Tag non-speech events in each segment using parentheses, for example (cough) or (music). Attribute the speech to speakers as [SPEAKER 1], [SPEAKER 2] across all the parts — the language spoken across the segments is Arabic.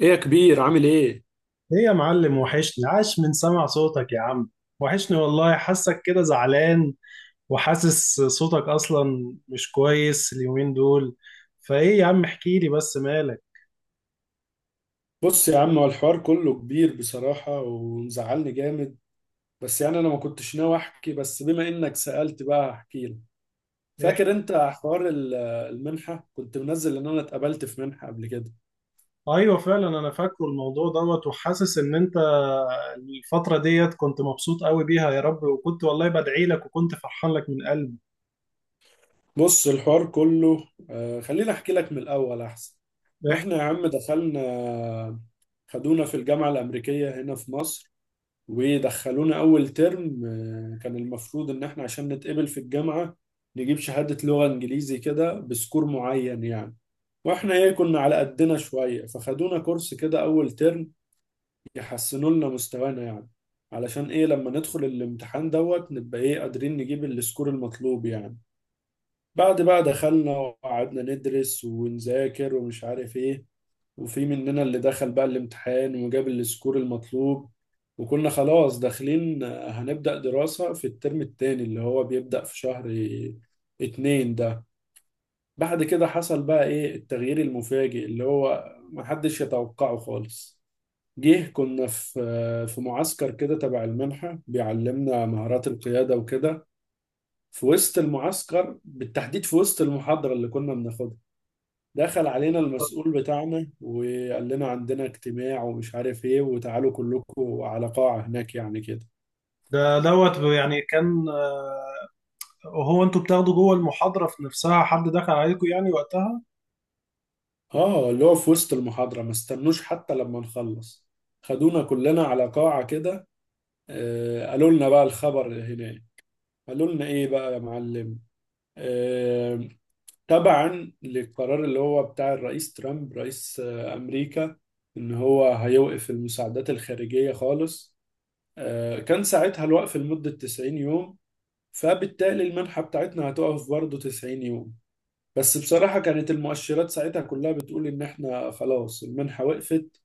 [SPEAKER 1] ايه يا كبير، عامل ايه؟
[SPEAKER 2] ايه يا معلم وحشني، عاش من سمع صوتك يا عم. وحشني والله، حاسك كده زعلان وحاسس صوتك اصلا مش كويس اليومين دول. فايه يا عم احكي لي بس مالك.
[SPEAKER 1] بص يا عم، هو الحوار كله كبير بصراحة ومزعلني جامد. بس يعني أنا ما كنتش ناوي أحكي، بس بما إنك سألت بقى هحكي لك.
[SPEAKER 2] احكي.
[SPEAKER 1] فاكر أنت حوار المنحة، كنت منزل إن أنا اتقبلت في منحة قبل كده.
[SPEAKER 2] ايوه فعلا انا فاكره الموضوع دوت، وحاسس ان انت الفترة ديت كنت مبسوط قوي بيها، يا رب. وكنت والله بدعي لك وكنت فرحان لك من قلبي.
[SPEAKER 1] بص الحوار كله خليني أحكي لك من الأول أحسن. إحنا يا
[SPEAKER 2] احكي.
[SPEAKER 1] عم دخلنا، خدونا في الجامعة الأمريكية هنا في مصر، ودخلونا أول ترم. كان المفروض إن إحنا عشان نتقبل في الجامعة نجيب شهادة لغة إنجليزي كده بسكور معين يعني. وإحنا كنا على قدنا شوية، فخدونا كورس كده أول ترم يحسنوا لنا مستوانا يعني. علشان لما ندخل الامتحان دوت نبقى قادرين نجيب السكور المطلوب يعني. بعد بقى دخلنا وقعدنا ندرس ونذاكر ومش عارف إيه، وفي مننا اللي دخل بقى الامتحان وجاب السكور المطلوب، وكنا خلاص داخلين هنبدأ دراسة في الترم التاني اللي هو بيبدأ في شهر اتنين ده. بعد كده حصل بقى ايه التغيير المفاجئ اللي هو محدش يتوقعه خالص. جه كنا في معسكر كده تبع المنحة بيعلمنا مهارات القيادة وكده. في وسط المعسكر بالتحديد، في وسط المحاضرة اللي كنا بناخدها، دخل علينا المسؤول بتاعنا وقال لنا عندنا اجتماع ومش عارف ايه، وتعالوا كلكم على قاعة هناك يعني كده.
[SPEAKER 2] ده دوت يعني كان، هو انتوا بتاخدوا جوه المحاضرة في نفسها حد دخل عليكم يعني وقتها؟
[SPEAKER 1] اه اللي هو في وسط المحاضرة، ما استنوش حتى لما نخلص. خدونا كلنا على قاعة كده. آه قالوا لنا بقى الخبر هناك. قالوا لنا ايه بقى يا معلم؟ آه، تبعا للقرار اللي هو بتاع الرئيس ترامب رئيس امريكا، ان هو هيوقف المساعدات الخارجية خالص. آه كان ساعتها الوقف لمدة 90 يوم، فبالتالي المنحة بتاعتنا هتقف برضه 90 يوم. بس بصراحة كانت المؤشرات ساعتها كلها بتقول إن إحنا خلاص المنحة وقفت،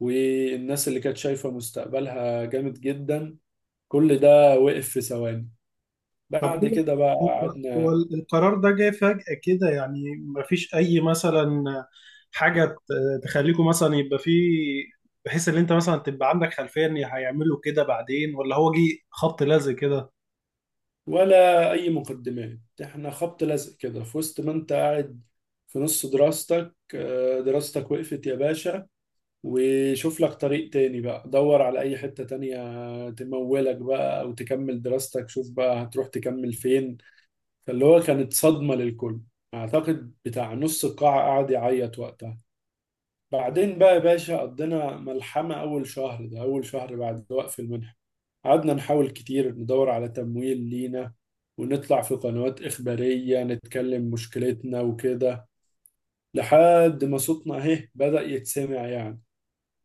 [SPEAKER 1] والناس اللي كانت شايفة مستقبلها جامد جدا، كل ده وقف في ثواني.
[SPEAKER 2] طب
[SPEAKER 1] بعد
[SPEAKER 2] هو،
[SPEAKER 1] كده بقى
[SPEAKER 2] هو
[SPEAKER 1] قعدنا،
[SPEAKER 2] القرار ده جاي فجأة كده يعني؟ مفيش أي مثلا حاجة تخليكم مثلا يبقى فيه، بحيث إن أنت مثلا تبقى عندك خلفية إن هيعملوا كده بعدين، ولا هو جه خبط لزق كده؟
[SPEAKER 1] ولا أي مقدمات، إحنا خبط لزق كده في وسط ما أنت قاعد في نص دراستك. دراستك وقفت يا باشا، وشوف لك طريق تاني بقى، دور على أي حتة تانية تمولك بقى أو تكمل دراستك، شوف بقى هتروح تكمل فين. فاللي هو كانت صدمة للكل. أعتقد بتاع نص القاعة قعد يعيط وقتها. بعدين بقى يا باشا قضينا ملحمة أول شهر ده، أول شهر بعد وقف المنحة. قعدنا نحاول كتير ندور على تمويل لينا، ونطلع في قنوات إخبارية نتكلم مشكلتنا وكده، لحد ما صوتنا أهي بدأ يتسمع يعني.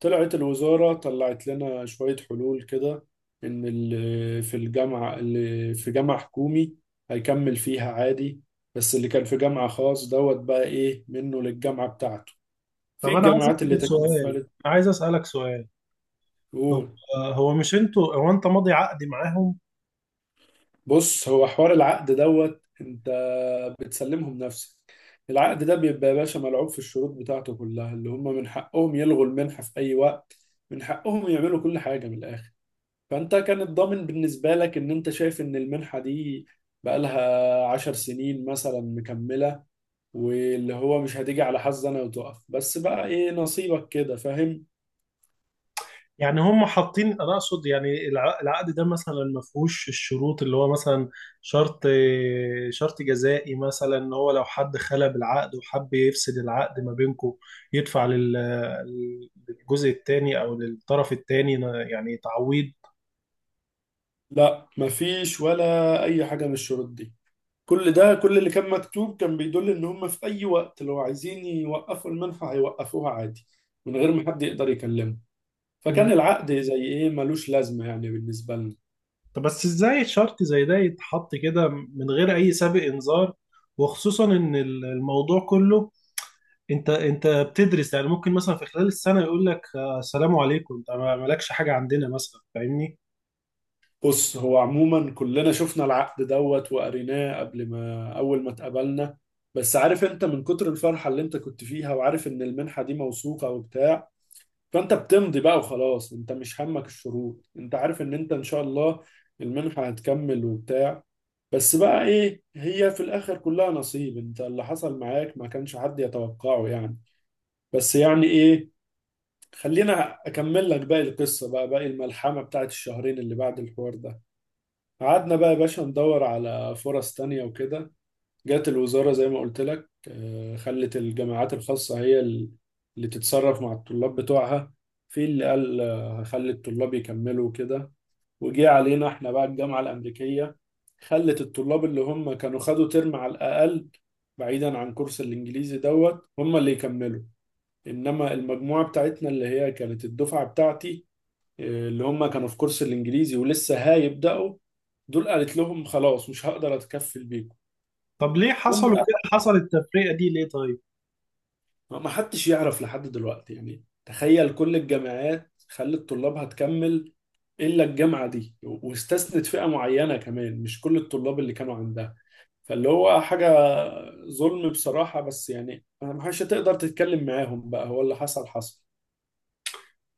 [SPEAKER 1] طلعت الوزارة طلعت لنا شوية حلول كده، إن اللي في الجامعة اللي في جامعة حكومي هيكمل فيها عادي، بس اللي كان في جامعة خاص دوت بقى إيه منه للجامعة بتاعته في
[SPEAKER 2] طب أنا عايز
[SPEAKER 1] الجامعات اللي
[SPEAKER 2] أسأل سؤال، أنا
[SPEAKER 1] تكفلت.
[SPEAKER 2] عايز أسألك سؤال. هو،
[SPEAKER 1] قول.
[SPEAKER 2] مش أنتوا، هو أنت ماضي عقد معاهم؟
[SPEAKER 1] بص هو حوار العقد دوت أنت بتسلمهم نفسك. العقد ده بيبقى يا باشا ملعوب في الشروط بتاعته كلها، اللي هم من حقهم يلغوا المنحة في أي وقت، من حقهم يعملوا كل حاجة من الآخر. فانت كان الضامن بالنسبة لك ان انت شايف ان المنحة دي بقالها عشر سنين مثلا مكملة، واللي هو مش هتيجي على حظ انا وتقف، بس بقى ايه نصيبك كده، فاهم.
[SPEAKER 2] يعني هم حاطين، انا اقصد يعني العقد ده مثلا ما فيهوش الشروط اللي هو مثلا، شرط شرط جزائي مثلا، ان هو لو حد خلى بالعقد وحب يفسد العقد ما بينكم، يدفع للجزء الثاني او للطرف الثاني، يعني تعويض.
[SPEAKER 1] لا مفيش ولا اي حاجة من الشروط دي. كل ده، كل اللي كان مكتوب كان بيدل ان هم في اي وقت لو عايزين يوقفوا المنحة هيوقفوها عادي، من غير ما حد يقدر يكلمه.
[SPEAKER 2] من غير،
[SPEAKER 1] فكان العقد زي ايه ملوش لازمة يعني بالنسبة لنا.
[SPEAKER 2] طب بس ازاي شرط زي ده يتحط كده من غير اي سابق انذار؟ وخصوصا ان الموضوع كله، انت بتدرس يعني، ممكن مثلا في خلال السنه يقول لك السلام عليكم انت مالكش حاجه عندنا مثلا، فاهمني؟
[SPEAKER 1] بص هو عموما كلنا شفنا العقد دوت وقريناه قبل ما اول ما اتقابلنا، بس عارف انت من كتر الفرحة اللي انت كنت فيها، وعارف ان المنحة دي موثوقة وبتاع، فانت بتمضي بقى وخلاص، انت مش همك الشروط، انت عارف ان انت ان شاء الله المنحة هتكمل وبتاع. بس بقى ايه، هي في الاخر كلها نصيب، انت اللي حصل معاك ما كانش حد يتوقعه يعني. بس يعني ايه، خلينا اكمل لك باقي القصة بقى، باقي الملحمة بتاعت الشهرين اللي بعد الحوار ده. قعدنا بقى يا باشا ندور على فرص تانية وكده. جات الوزارة زي ما قلت لك، خلت الجامعات الخاصة هي اللي تتصرف مع الطلاب بتوعها. في اللي قال هخلي الطلاب يكملوا كده. وجي علينا احنا بقى الجامعة الأمريكية، خلت الطلاب اللي هم كانوا خدوا ترم على الأقل بعيدا عن كورس الإنجليزي دوت، هم اللي يكملوا. إنما المجموعة بتاعتنا اللي هي كانت الدفعة بتاعتي، اللي هم كانوا في كورس الانجليزي ولسه هيبداوا، دول قالت لهم خلاص مش هقدر اتكفل بيكم.
[SPEAKER 2] طب ليه
[SPEAKER 1] جم
[SPEAKER 2] حصلوا كده؟
[SPEAKER 1] بقى
[SPEAKER 2] حصل التفرقه دي ليه طيب؟
[SPEAKER 1] ما حدش يعرف لحد دلوقتي يعني. تخيل كل الجامعات خلت طلابها تكمل، الا الجامعه دي، واستثنت فئه معينه كمان، مش كل الطلاب اللي كانوا عندها. فاللي هو حاجه ظلم بصراحه، بس يعني ما حدش هتقدر تتكلم معاهم، بقى هو اللي حصل حصل.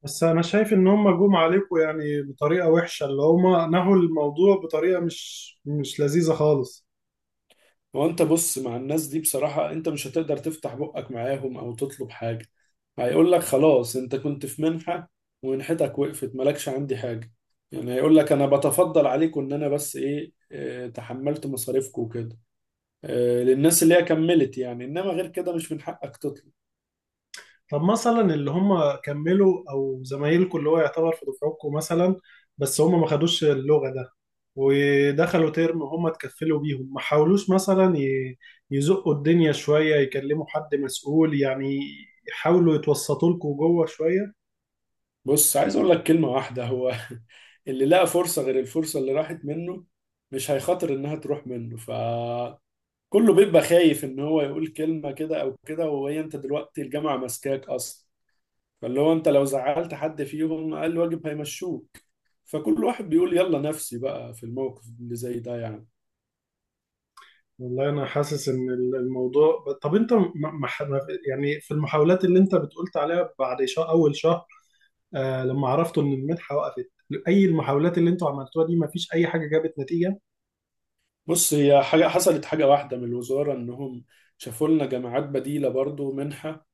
[SPEAKER 2] بس انا شايف ان هم جم عليكم يعني بطريقه وحشه، اللي هم نهوا الموضوع بطريقه مش لذيذه خالص.
[SPEAKER 1] هو انت بص مع الناس دي بصراحة انت مش هتقدر تفتح بقك معاهم او تطلب حاجة، هيقول لك خلاص انت كنت في منحة، ومنحتك وقفت، مالكش عندي حاجة. يعني هيقول لك انا بتفضل عليكم ان انا بس ايه، تحملت مصاريفكم وكده، اه، للناس اللي هي كملت يعني، انما غير كده مش من حقك تطلب.
[SPEAKER 2] طب مثلا اللي هم كملوا او زمايلكم اللي هو يعتبر في دفعتكم مثلا، بس هم ما خدوش اللغة ده ودخلوا ترم وهم اتكفلوا بيهم، ما حاولوش مثلا يزقوا الدنيا شوية، يكلموا حد مسؤول يعني، يحاولوا يتوسطوا لكم جوه شوية؟
[SPEAKER 1] بص عايز اقول لك كلمة واحدة هو (laughs) اللي لقى فرصة غير الفرصة اللي راحت منه مش هيخاطر انها تروح منه. ف كله بيبقى خايف ان هو يقول كلمة كده او كده، وهي انت دلوقتي الجامعة ماسكاك اصلا. فاللي هو انت لو زعلت حد فيهم اقل واجب هيمشوك، فكل واحد بيقول يلا نفسي بقى في الموقف اللي زي ده يعني.
[SPEAKER 2] والله انا حاسس ان الموضوع طب انت يعني في المحاولات اللي انت بتقولت عليها بعد شهر، اول شهر آه لما عرفتوا ان المنحة وقفت، اي المحاولات اللي انتوا عملتوها دي ما فيش اي حاجة جابت نتيجة؟
[SPEAKER 1] بص هي حاجة حصلت، حاجة واحدة من الوزارة، انهم شافوا لنا جامعات بديلة برضو منحة.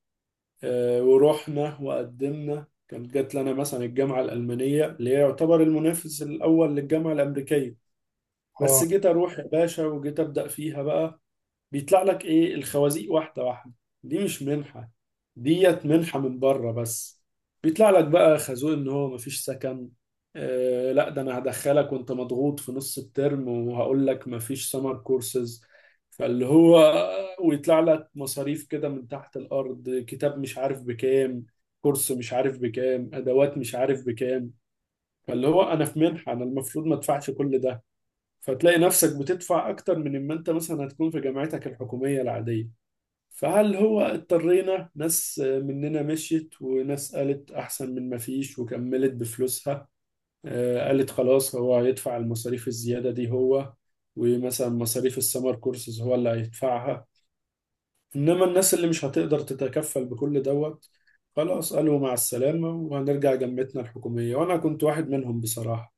[SPEAKER 1] آه، ورحنا وقدمنا، كانت جات لنا مثلا الجامعة الألمانية اللي هي يعتبر المنافس الأول للجامعة الأمريكية. بس
[SPEAKER 2] اه
[SPEAKER 1] جيت أروح يا باشا وجيت أبدأ فيها بقى، بيطلع لك ايه الخوازيق واحده واحده. دي مش منحه، ديت منحه من بره بس. بيطلع لك بقى خازوق ان هو مفيش سكن. آه لا ده انا هدخلك وانت مضغوط في نص الترم وهقول لك مفيش سمر كورسز. فاللي هو ويطلع لك مصاريف كده من تحت الارض، كتاب مش عارف بكام، كورس مش عارف بكام، ادوات مش عارف بكام. فاللي هو انا في منحه انا المفروض ما ادفعش كل ده. فتلاقي نفسك بتدفع أكتر من ما أنت مثلا هتكون في جامعتك الحكومية العادية. فهل هو اضطرينا، ناس مننا مشيت، وناس قالت أحسن من ما فيش وكملت بفلوسها. آه، قالت خلاص هو هيدفع المصاريف الزيادة دي هو، ومثلا مصاريف السمر كورسز هو اللي هيدفعها. إنما الناس اللي مش هتقدر تتكفل بكل دوت، خلاص قالوا مع السلامة وهنرجع جامعتنا الحكومية، وأنا كنت واحد منهم بصراحة.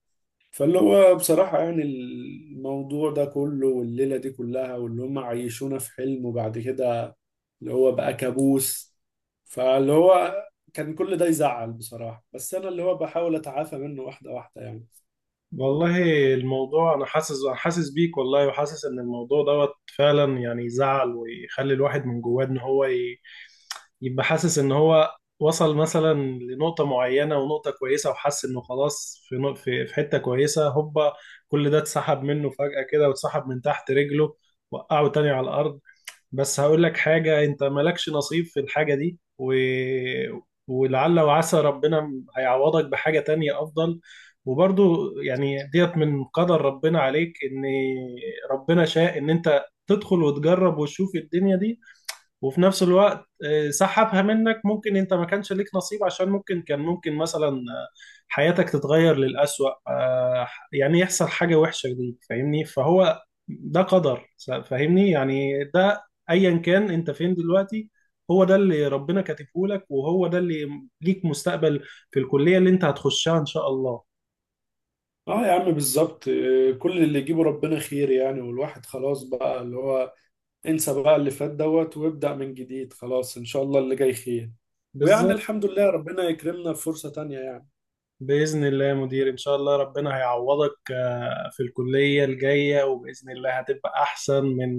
[SPEAKER 1] فاللي هو بصراحة يعني الموضوع ده كله، والليلة دي كلها، واللي هم عيشونا في حلم وبعد كده اللي هو بقى كابوس. فاللي هو كان كل ده يزعل بصراحة، بس أنا اللي هو بحاول أتعافى منه واحدة واحدة يعني.
[SPEAKER 2] والله الموضوع، انا حاسس، انا حاسس بيك والله، وحاسس ان الموضوع دوت فعلا يعني يزعل، ويخلي الواحد من جواه ان هو يبقى حاسس ان هو وصل مثلا لنقطة معينة ونقطة كويسة، وحس انه خلاص في في حتة كويسة، هوبا كل ده اتسحب منه فجأة كده، واتسحب من تحت رجله، وقعه تاني على الارض. بس هقول لك حاجة، انت مالكش نصيب في الحاجة دي، ولعل وعسى ربنا هيعوضك بحاجة تانية افضل. وبرضو يعني ديت من قدر ربنا عليك، ان ربنا شاء ان انت تدخل وتجرب وتشوف الدنيا دي، وفي نفس الوقت سحبها منك. ممكن انت ما كانش ليك نصيب، عشان ممكن كان، ممكن مثلا حياتك تتغير للأسوأ، يعني يحصل حاجة وحشة ليك، فاهمني؟ فهو ده قدر، فاهمني؟ يعني ده ايا كان انت فين دلوقتي، هو ده اللي ربنا كاتبه لك، وهو ده اللي ليك مستقبل في الكلية اللي انت هتخشها ان شاء الله.
[SPEAKER 1] اه يا عم بالظبط. كل اللي يجيبه ربنا خير يعني، والواحد خلاص بقى اللي هو انسى بقى اللي فات دوت وابدأ من جديد، خلاص إن شاء الله اللي جاي خير. ويعني
[SPEAKER 2] بالظبط.
[SPEAKER 1] الحمد لله ربنا يكرمنا في فرصة تانية يعني.
[SPEAKER 2] بإذن الله يا مدير، إن شاء الله ربنا هيعوضك في الكلية الجاية، وبإذن الله هتبقى أحسن من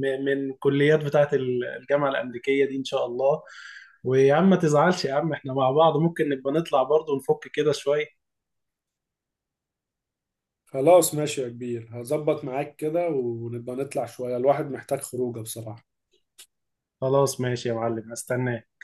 [SPEAKER 2] كليات بتاعة الجامعة الأمريكية دي إن شاء الله. ويا عم ما تزعلش يا عم، إحنا مع بعض ممكن نبقى نطلع برضه نفك كده شوية.
[SPEAKER 1] خلاص ماشي يا كبير، هظبط معاك كده ونبقى نطلع شوية، الواحد محتاج خروجه بصراحة.
[SPEAKER 2] خلاص ماشي يا معلم، هستناك.